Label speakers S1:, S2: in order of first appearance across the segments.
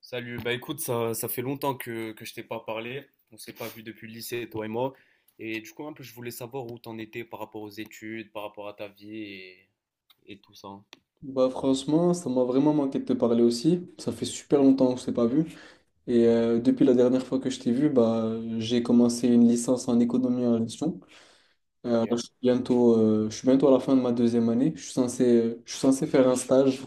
S1: Salut, bah écoute, ça fait longtemps que je t'ai pas parlé. On s'est pas vu depuis le lycée, toi et moi. Et du coup, un peu, je voulais savoir où t'en étais par rapport aux études, par rapport à ta vie et tout ça, hein.
S2: Bah franchement, ça m'a vraiment manqué de te parler aussi. Ça fait super longtemps que je t'ai pas vu. Et depuis la dernière fois que je t'ai vu, bah j'ai commencé une licence en économie en gestion.
S1: Ok.
S2: Là, je suis bientôt à la fin de ma deuxième année. Je suis censé faire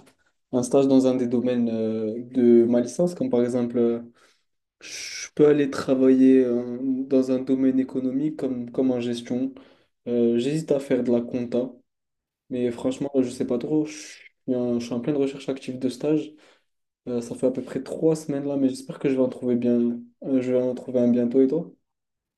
S2: un stage dans un des domaines de ma licence, comme par exemple, je peux aller travailler dans un domaine économique comme en gestion. J'hésite à faire de la compta. Mais franchement, je sais pas trop. Je suis en pleine recherche active de stage. Ça fait à peu près 3 semaines là, mais j'espère que je vais en trouver bien. Je vais en trouver un bientôt, et toi?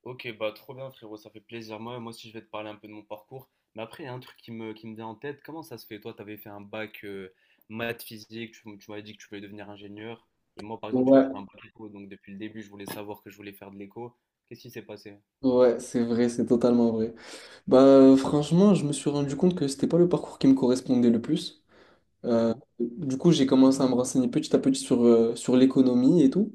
S1: Ok, bah trop bien, frérot, ça fait plaisir. Moi aussi, je vais te parler un peu de mon parcours. Mais après, il y a un truc qui me vient en tête. Comment ça se fait? Toi, t'avais fait un bac maths physique, tu m'avais dit que tu voulais devenir ingénieur. Et moi, par exemple, tu vois, j'ai
S2: Ouais,
S1: fait un bac éco, donc depuis le début, je voulais savoir que je voulais faire de l'éco. Qu'est-ce qui s'est passé?
S2: ouais, c'est vrai, c'est totalement vrai. Bah franchement, je me suis rendu compte que c'était pas le parcours qui me correspondait le plus. Euh, du coup, j'ai commencé à me renseigner petit à petit sur l'économie et tout.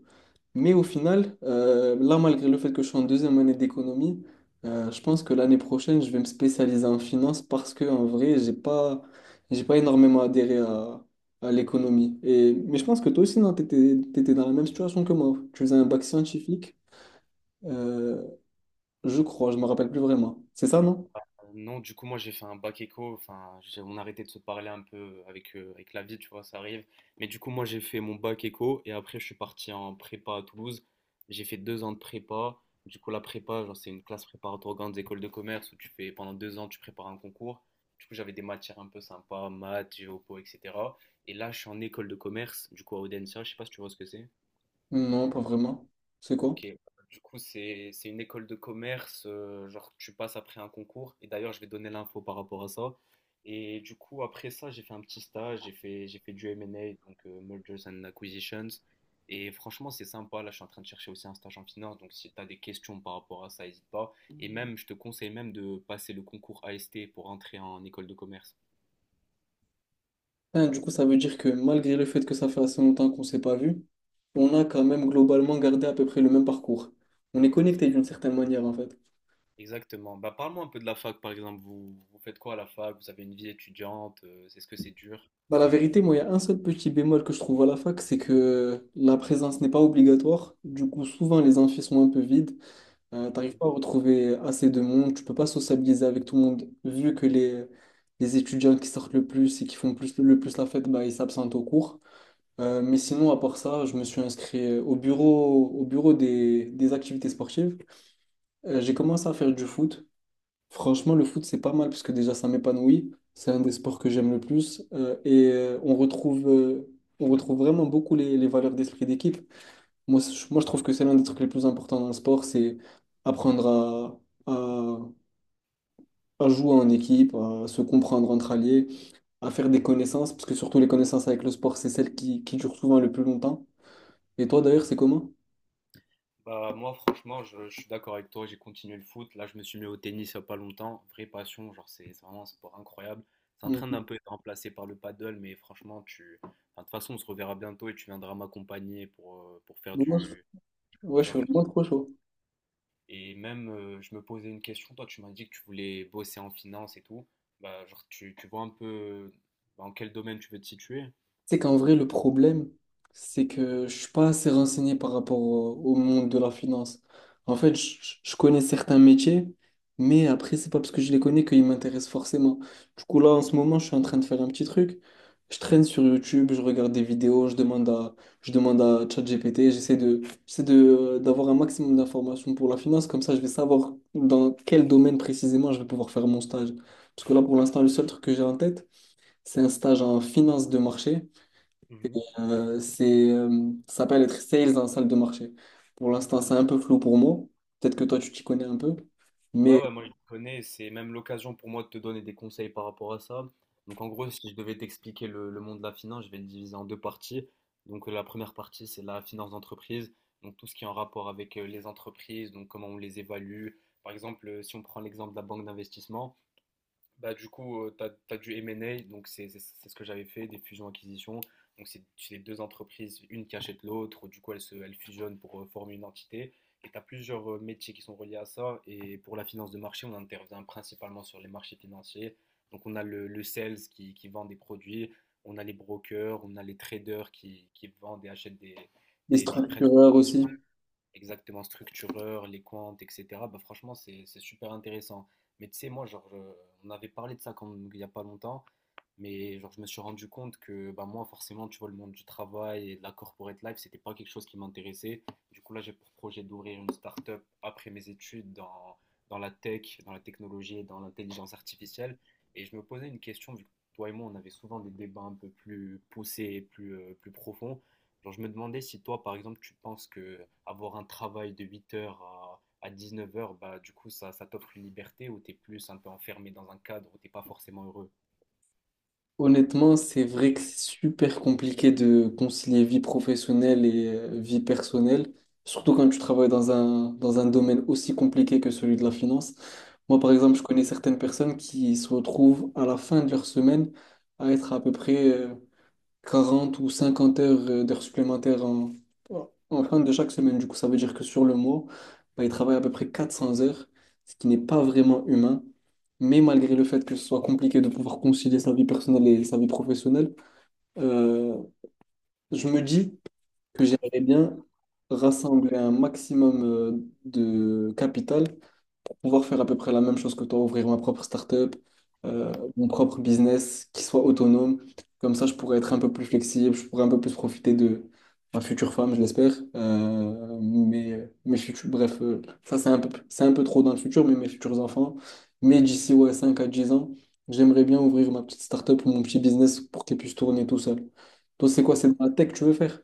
S2: Mais au final, là, malgré le fait que je suis en deuxième année d'économie, je pense que l'année prochaine, je vais me spécialiser en finance, parce que en vrai, j'ai pas énormément adhéré à l'économie. Et, mais je pense que toi aussi, non, t'étais dans la même situation que moi. Tu faisais un bac scientifique, euh, je crois, je me rappelle plus vraiment. C'est ça, non?
S1: Non, du coup, moi, j'ai fait un bac éco. Enfin, on arrêtait de se parler un peu avec, avec la vie, tu vois, ça arrive. Mais du coup, moi, j'ai fait mon bac éco et après, je suis parti en prépa à Toulouse. J'ai fait deux ans de prépa. Du coup, la prépa, genre, c'est une classe préparatoire aux grandes écoles de commerce où tu fais pendant deux ans, tu prépares un concours. Du coup, j'avais des matières un peu sympas, maths, géopo, etc. Et là, je suis en école de commerce, du coup, à Audencia. Je sais pas si tu vois ce que c'est.
S2: Non, pas vraiment. C'est quoi?
S1: Ok, du coup, c'est une école de commerce, genre tu passes après un concours, et d'ailleurs, je vais donner l'info par rapport à ça. Et du coup, après ça, j'ai fait un petit stage, j'ai fait du M&A, donc Mergers and Acquisitions. Et franchement, c'est sympa. Là, je suis en train de chercher aussi un stage en finance, donc si tu as des questions par rapport à ça, n'hésite pas. Et même, je te conseille même de passer le concours AST pour entrer en école de commerce.
S2: Ah, du coup, ça veut dire que malgré le fait que ça fait assez longtemps qu'on s'est pas vu, on a quand même globalement gardé à peu près le même parcours. On est
S1: C'est-
S2: connecté d'une certaine manière, en fait.
S1: Exactement. Bah, parle-moi un peu de la fac, par exemple. Vous, vous faites quoi à la fac? Vous avez une vie étudiante? Est-ce que c'est dur?
S2: Bah, la vérité, moi, il y a un seul petit bémol que je trouve à la fac, c'est que la présence n'est pas obligatoire. Du coup, souvent, les amphis sont un peu vides. T'arrives pas à retrouver assez de monde. Tu peux pas sociabiliser avec tout le monde. Vu que les étudiants qui sortent le plus et qui font plus, le plus la fête, bah, ils s'absentent au cours. Mais sinon, à part ça, je me suis inscrit au bureau des activités sportives. J'ai commencé à faire du foot. Franchement, le foot, c'est pas mal parce que déjà, ça m'épanouit. C'est un des sports que j'aime le plus. On retrouve, on retrouve vraiment beaucoup les valeurs d'esprit d'équipe. Moi, je trouve que c'est l'un des trucs les plus importants dans le sport, c'est apprendre à, à, à jouer en équipe, à se comprendre entre alliés, à faire des connaissances, parce que surtout les connaissances avec le sport, c'est celles qui durent souvent le plus longtemps. Et toi, d'ailleurs, c'est comment?
S1: Bah, moi, franchement, je suis d'accord avec toi. J'ai continué le foot. Là, je me suis mis au tennis il n'y a pas longtemps. Vraie passion. Genre, c'est vraiment un sport incroyable. C'est en train
S2: Mm.
S1: d'un peu être remplacé par le paddle, mais franchement, tu... enfin, de toute façon, on se reverra bientôt et tu viendras m'accompagner
S2: Moi, je,
S1: pour
S2: ouais, je
S1: faire
S2: suis
S1: du...
S2: vraiment trop chaud.
S1: Et même, je me posais une question. Toi, tu m'as dit que tu voulais bosser en finance et tout. Bah, genre, tu vois un peu dans quel domaine tu veux te situer?
S2: C'est qu'en vrai, le problème, c'est que je suis pas assez renseigné par rapport au monde de la finance. En fait, je connais certains métiers, mais après, c'est pas parce que je les connais qu'ils m'intéressent forcément. Du coup, là, en ce moment, je suis en train de faire un petit truc. Je traîne sur YouTube, je regarde des vidéos, je demande à ChatGPT, j'essaie de, d'avoir un maximum d'informations pour la finance, comme ça, je vais savoir dans quel domaine précisément je vais pouvoir faire mon stage. Parce que là, pour l'instant, le seul truc que j'ai en tête, c'est un stage en finance de marché. Ça s'appelle être sales en salle de marché. Pour l'instant, c'est un peu flou pour moi. Peut-être que toi, tu t'y connais un peu. Mais
S1: Ouais, moi je connais, c'est même l'occasion pour moi de te donner des conseils par rapport à ça. Donc en gros, si je devais t'expliquer le monde de la finance, je vais le diviser en deux parties. Donc la première partie, c'est la finance d'entreprise, donc tout ce qui est en rapport avec les entreprises, donc comment on les évalue. Par exemple, si on prend l'exemple de la banque d'investissement, bah, du coup, tu as, du M&A, donc c'est ce que j'avais fait, des fusions-acquisitions. Donc, c'est les deux entreprises, une qui achète l'autre, du coup, elles, se, elles fusionnent pour former une entité. Et tu as plusieurs métiers qui sont reliés à ça. Et pour la finance de marché, on intervient principalement sur les marchés financiers. Donc, on a le sales qui vend des produits, on a les brokers, on a les traders qui vendent et achètent
S2: les
S1: prennent des
S2: structureurs
S1: positions
S2: aussi.
S1: exactement structureur, les comptes, etc. Bah franchement, c'est super intéressant. Mais tu sais, moi, genre, on avait parlé de ça quand, il n'y a pas longtemps, mais genre, je me suis rendu compte que bah, moi, forcément, tu vois, le monde du travail et de la corporate life, c'était pas quelque chose qui m'intéressait. Du coup, là, j'ai pour projet d'ouvrir une start-up après mes études dans, dans la tech, dans la technologie et dans l'intelligence artificielle. Et je me posais une question, vu que toi et moi, on avait souvent des débats un peu plus poussés et plus, plus profonds. Genre, je me demandais si toi, par exemple, tu penses que avoir un travail de 8 heures à neuf heures, bah, du coup, ça t'offre une liberté ou t'es plus un peu enfermé dans un cadre où t'es pas forcément heureux.
S2: Honnêtement, c'est vrai que c'est super compliqué de concilier vie professionnelle et vie personnelle, surtout quand tu travailles dans un domaine aussi compliqué que celui de la finance. Moi, par exemple, je connais certaines personnes qui se retrouvent à la fin de leur semaine à être à peu près 40 ou 50 heures d'heures supplémentaires en fin de chaque semaine. Du coup, ça veut dire que sur le mois, bah, il travaille à peu près 400 heures, ce qui n'est pas vraiment humain. Mais malgré le fait que ce soit compliqué de pouvoir concilier sa vie personnelle et sa vie professionnelle, euh, je me dis que j'aimerais bien rassembler un maximum de capital, pouvoir faire à peu près la même chose que toi, ouvrir ma propre start-up, mon propre business qui soit autonome. Comme ça, je pourrais être un peu plus flexible, je pourrais un peu plus profiter de ma future femme, je l'espère. Mes futurs, bref, ça c'est un peu trop dans le futur, mais mes futurs enfants. Mais d'ici ouais, 5 à 10 ans, j'aimerais bien ouvrir ma petite start-up ou mon petit business pour qu'elle puisse tourner tout seul. Toi, c'est quoi? C'est
S1: Mhm.
S2: dans la tech que tu veux faire?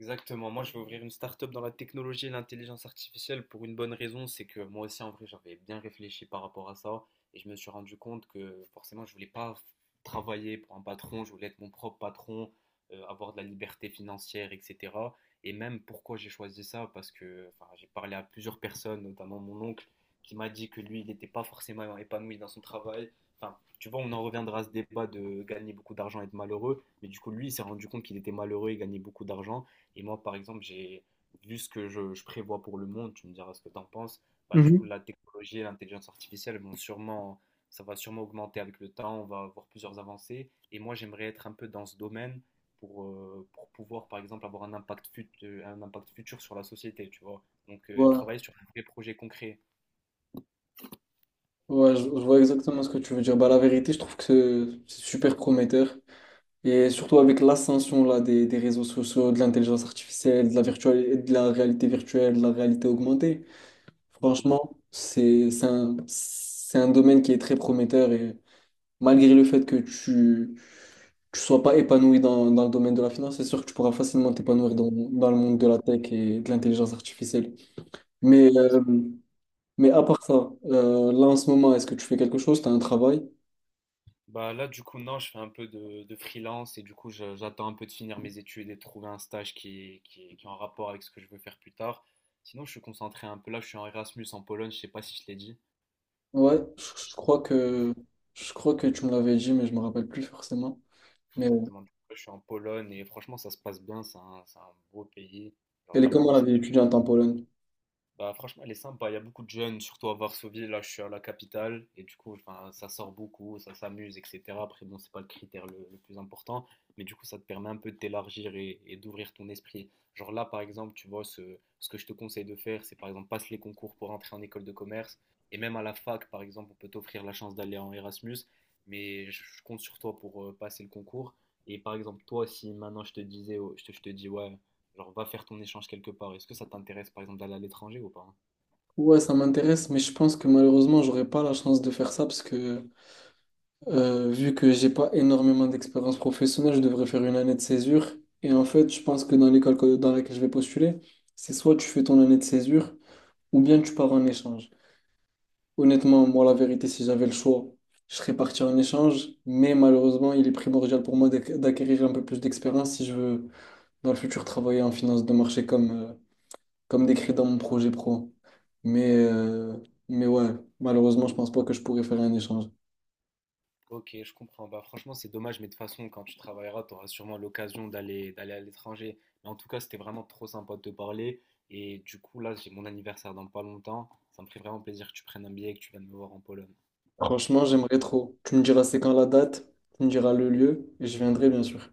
S1: Exactement. Moi, je vais ouvrir une start-up dans la technologie et l'intelligence artificielle pour une bonne raison, c'est que moi aussi, en vrai, j'avais bien réfléchi par rapport à ça et je me suis rendu compte que forcément, je voulais pas travailler pour un patron, je voulais être mon propre patron, avoir de la liberté financière, etc. Et même pourquoi j'ai choisi ça, parce que enfin, j'ai parlé à plusieurs personnes, notamment mon oncle, qui m'a dit que lui, il n'était pas forcément épanoui dans son travail. Enfin, tu vois, on en reviendra à ce débat de gagner beaucoup d'argent et être malheureux. Mais du coup, lui, il s'est rendu compte qu'il était malheureux et gagnait beaucoup d'argent. Et moi, par exemple, j'ai vu ce que je prévois pour le monde, tu me diras ce que tu en penses. Bah, du coup,
S2: Mhm.
S1: la technologie et l'intelligence artificielle vont sûrement, ça va sûrement augmenter avec le temps, on va avoir plusieurs avancées. Et moi, j'aimerais être un peu dans ce domaine pour pouvoir, par exemple, avoir un impact, un impact futur sur la société, tu vois. Donc,
S2: Voilà,
S1: travailler sur un vrai projet concret.
S2: ouais, je vois exactement ce que tu veux dire. Bah, la vérité, je trouve que c'est super prometteur. Et surtout avec l'ascension là, des réseaux sociaux, de l'intelligence artificielle, de la virtuelle, de la réalité virtuelle, de la réalité augmentée,
S1: Mhm.
S2: franchement, c'est un domaine qui est très prometteur. Et malgré le fait que tu sois pas épanoui dans le domaine de la finance, c'est sûr que tu pourras facilement t'épanouir dans le monde de la tech et de l'intelligence artificielle.
S1: Bah,
S2: Mais,
S1: écoute,
S2: euh,
S1: j'espère.
S2: mais à part ça, là en ce moment, est-ce que tu fais quelque chose? Tu as un travail?
S1: Bah là, du coup, non, je fais un peu de freelance et du coup, j'attends un peu de finir mes études et de trouver un stage qui est en rapport avec ce que je veux faire plus tard. Sinon, je suis concentré un peu là, je suis en Erasmus en Pologne, je sais pas si je l'ai dit.
S2: Ouais, je, je crois que, je crois que tu me l'avais dit, mais je me rappelle plus forcément. Mais ouais.
S1: Exactement. Du coup, je suis en Pologne et franchement, ça se passe bien, c'est un beau pays. Genre
S2: Elle est comment
S1: vraiment.
S2: la vie étudiante en Pologne?
S1: Bah, franchement, elle est sympa. Il y a beaucoup de jeunes, surtout à Varsovie. Là, je suis à la capitale. Et du coup, enfin, ça sort beaucoup, ça s'amuse, etc. Après, bon, c'est pas le critère le plus important. Mais du coup, ça te permet un peu de t'élargir et d'ouvrir ton esprit. Genre là, par exemple, tu vois, ce que je te conseille de faire, c'est par exemple, passe les concours pour entrer en école de commerce. Et même à la fac, par exemple, on peut t'offrir la chance d'aller en Erasmus. Mais je compte sur toi pour passer le concours. Et par exemple, toi, si maintenant je te disais, oh, je te dis, ouais, genre, va faire ton échange quelque part. Est-ce que ça t'intéresse, par exemple, d'aller à l'étranger ou pas?
S2: Ouais, ça m'intéresse, mais je pense que malheureusement, j'aurais pas la chance de faire ça parce que vu que j'ai pas énormément d'expérience professionnelle, je devrais faire une année de césure. Et en fait, je pense que dans laquelle je vais postuler, c'est soit tu fais ton année de césure ou bien tu pars en échange. Honnêtement, moi, la vérité, si j'avais le choix, je serais parti en échange, mais malheureusement, il est primordial pour moi d'acquérir un peu plus d'expérience si je veux dans le futur travailler en finance de marché comme décrit dans mon projet pro. Mais, euh, mais ouais, Malheureusement, je pense pas que je pourrais faire un échange.
S1: Ok, je comprends. Bah, franchement, c'est dommage, mais de toute façon, quand tu travailleras, tu auras sûrement l'occasion d'aller à l'étranger. Mais en tout cas, c'était vraiment trop sympa de te parler. Et du coup, là, j'ai mon anniversaire dans pas longtemps. Ça me ferait vraiment plaisir que tu prennes un billet et que tu viennes me voir en Pologne.
S2: Franchement, j'aimerais trop. Tu me diras c'est quand la date, tu me diras le lieu, et je viendrai bien sûr.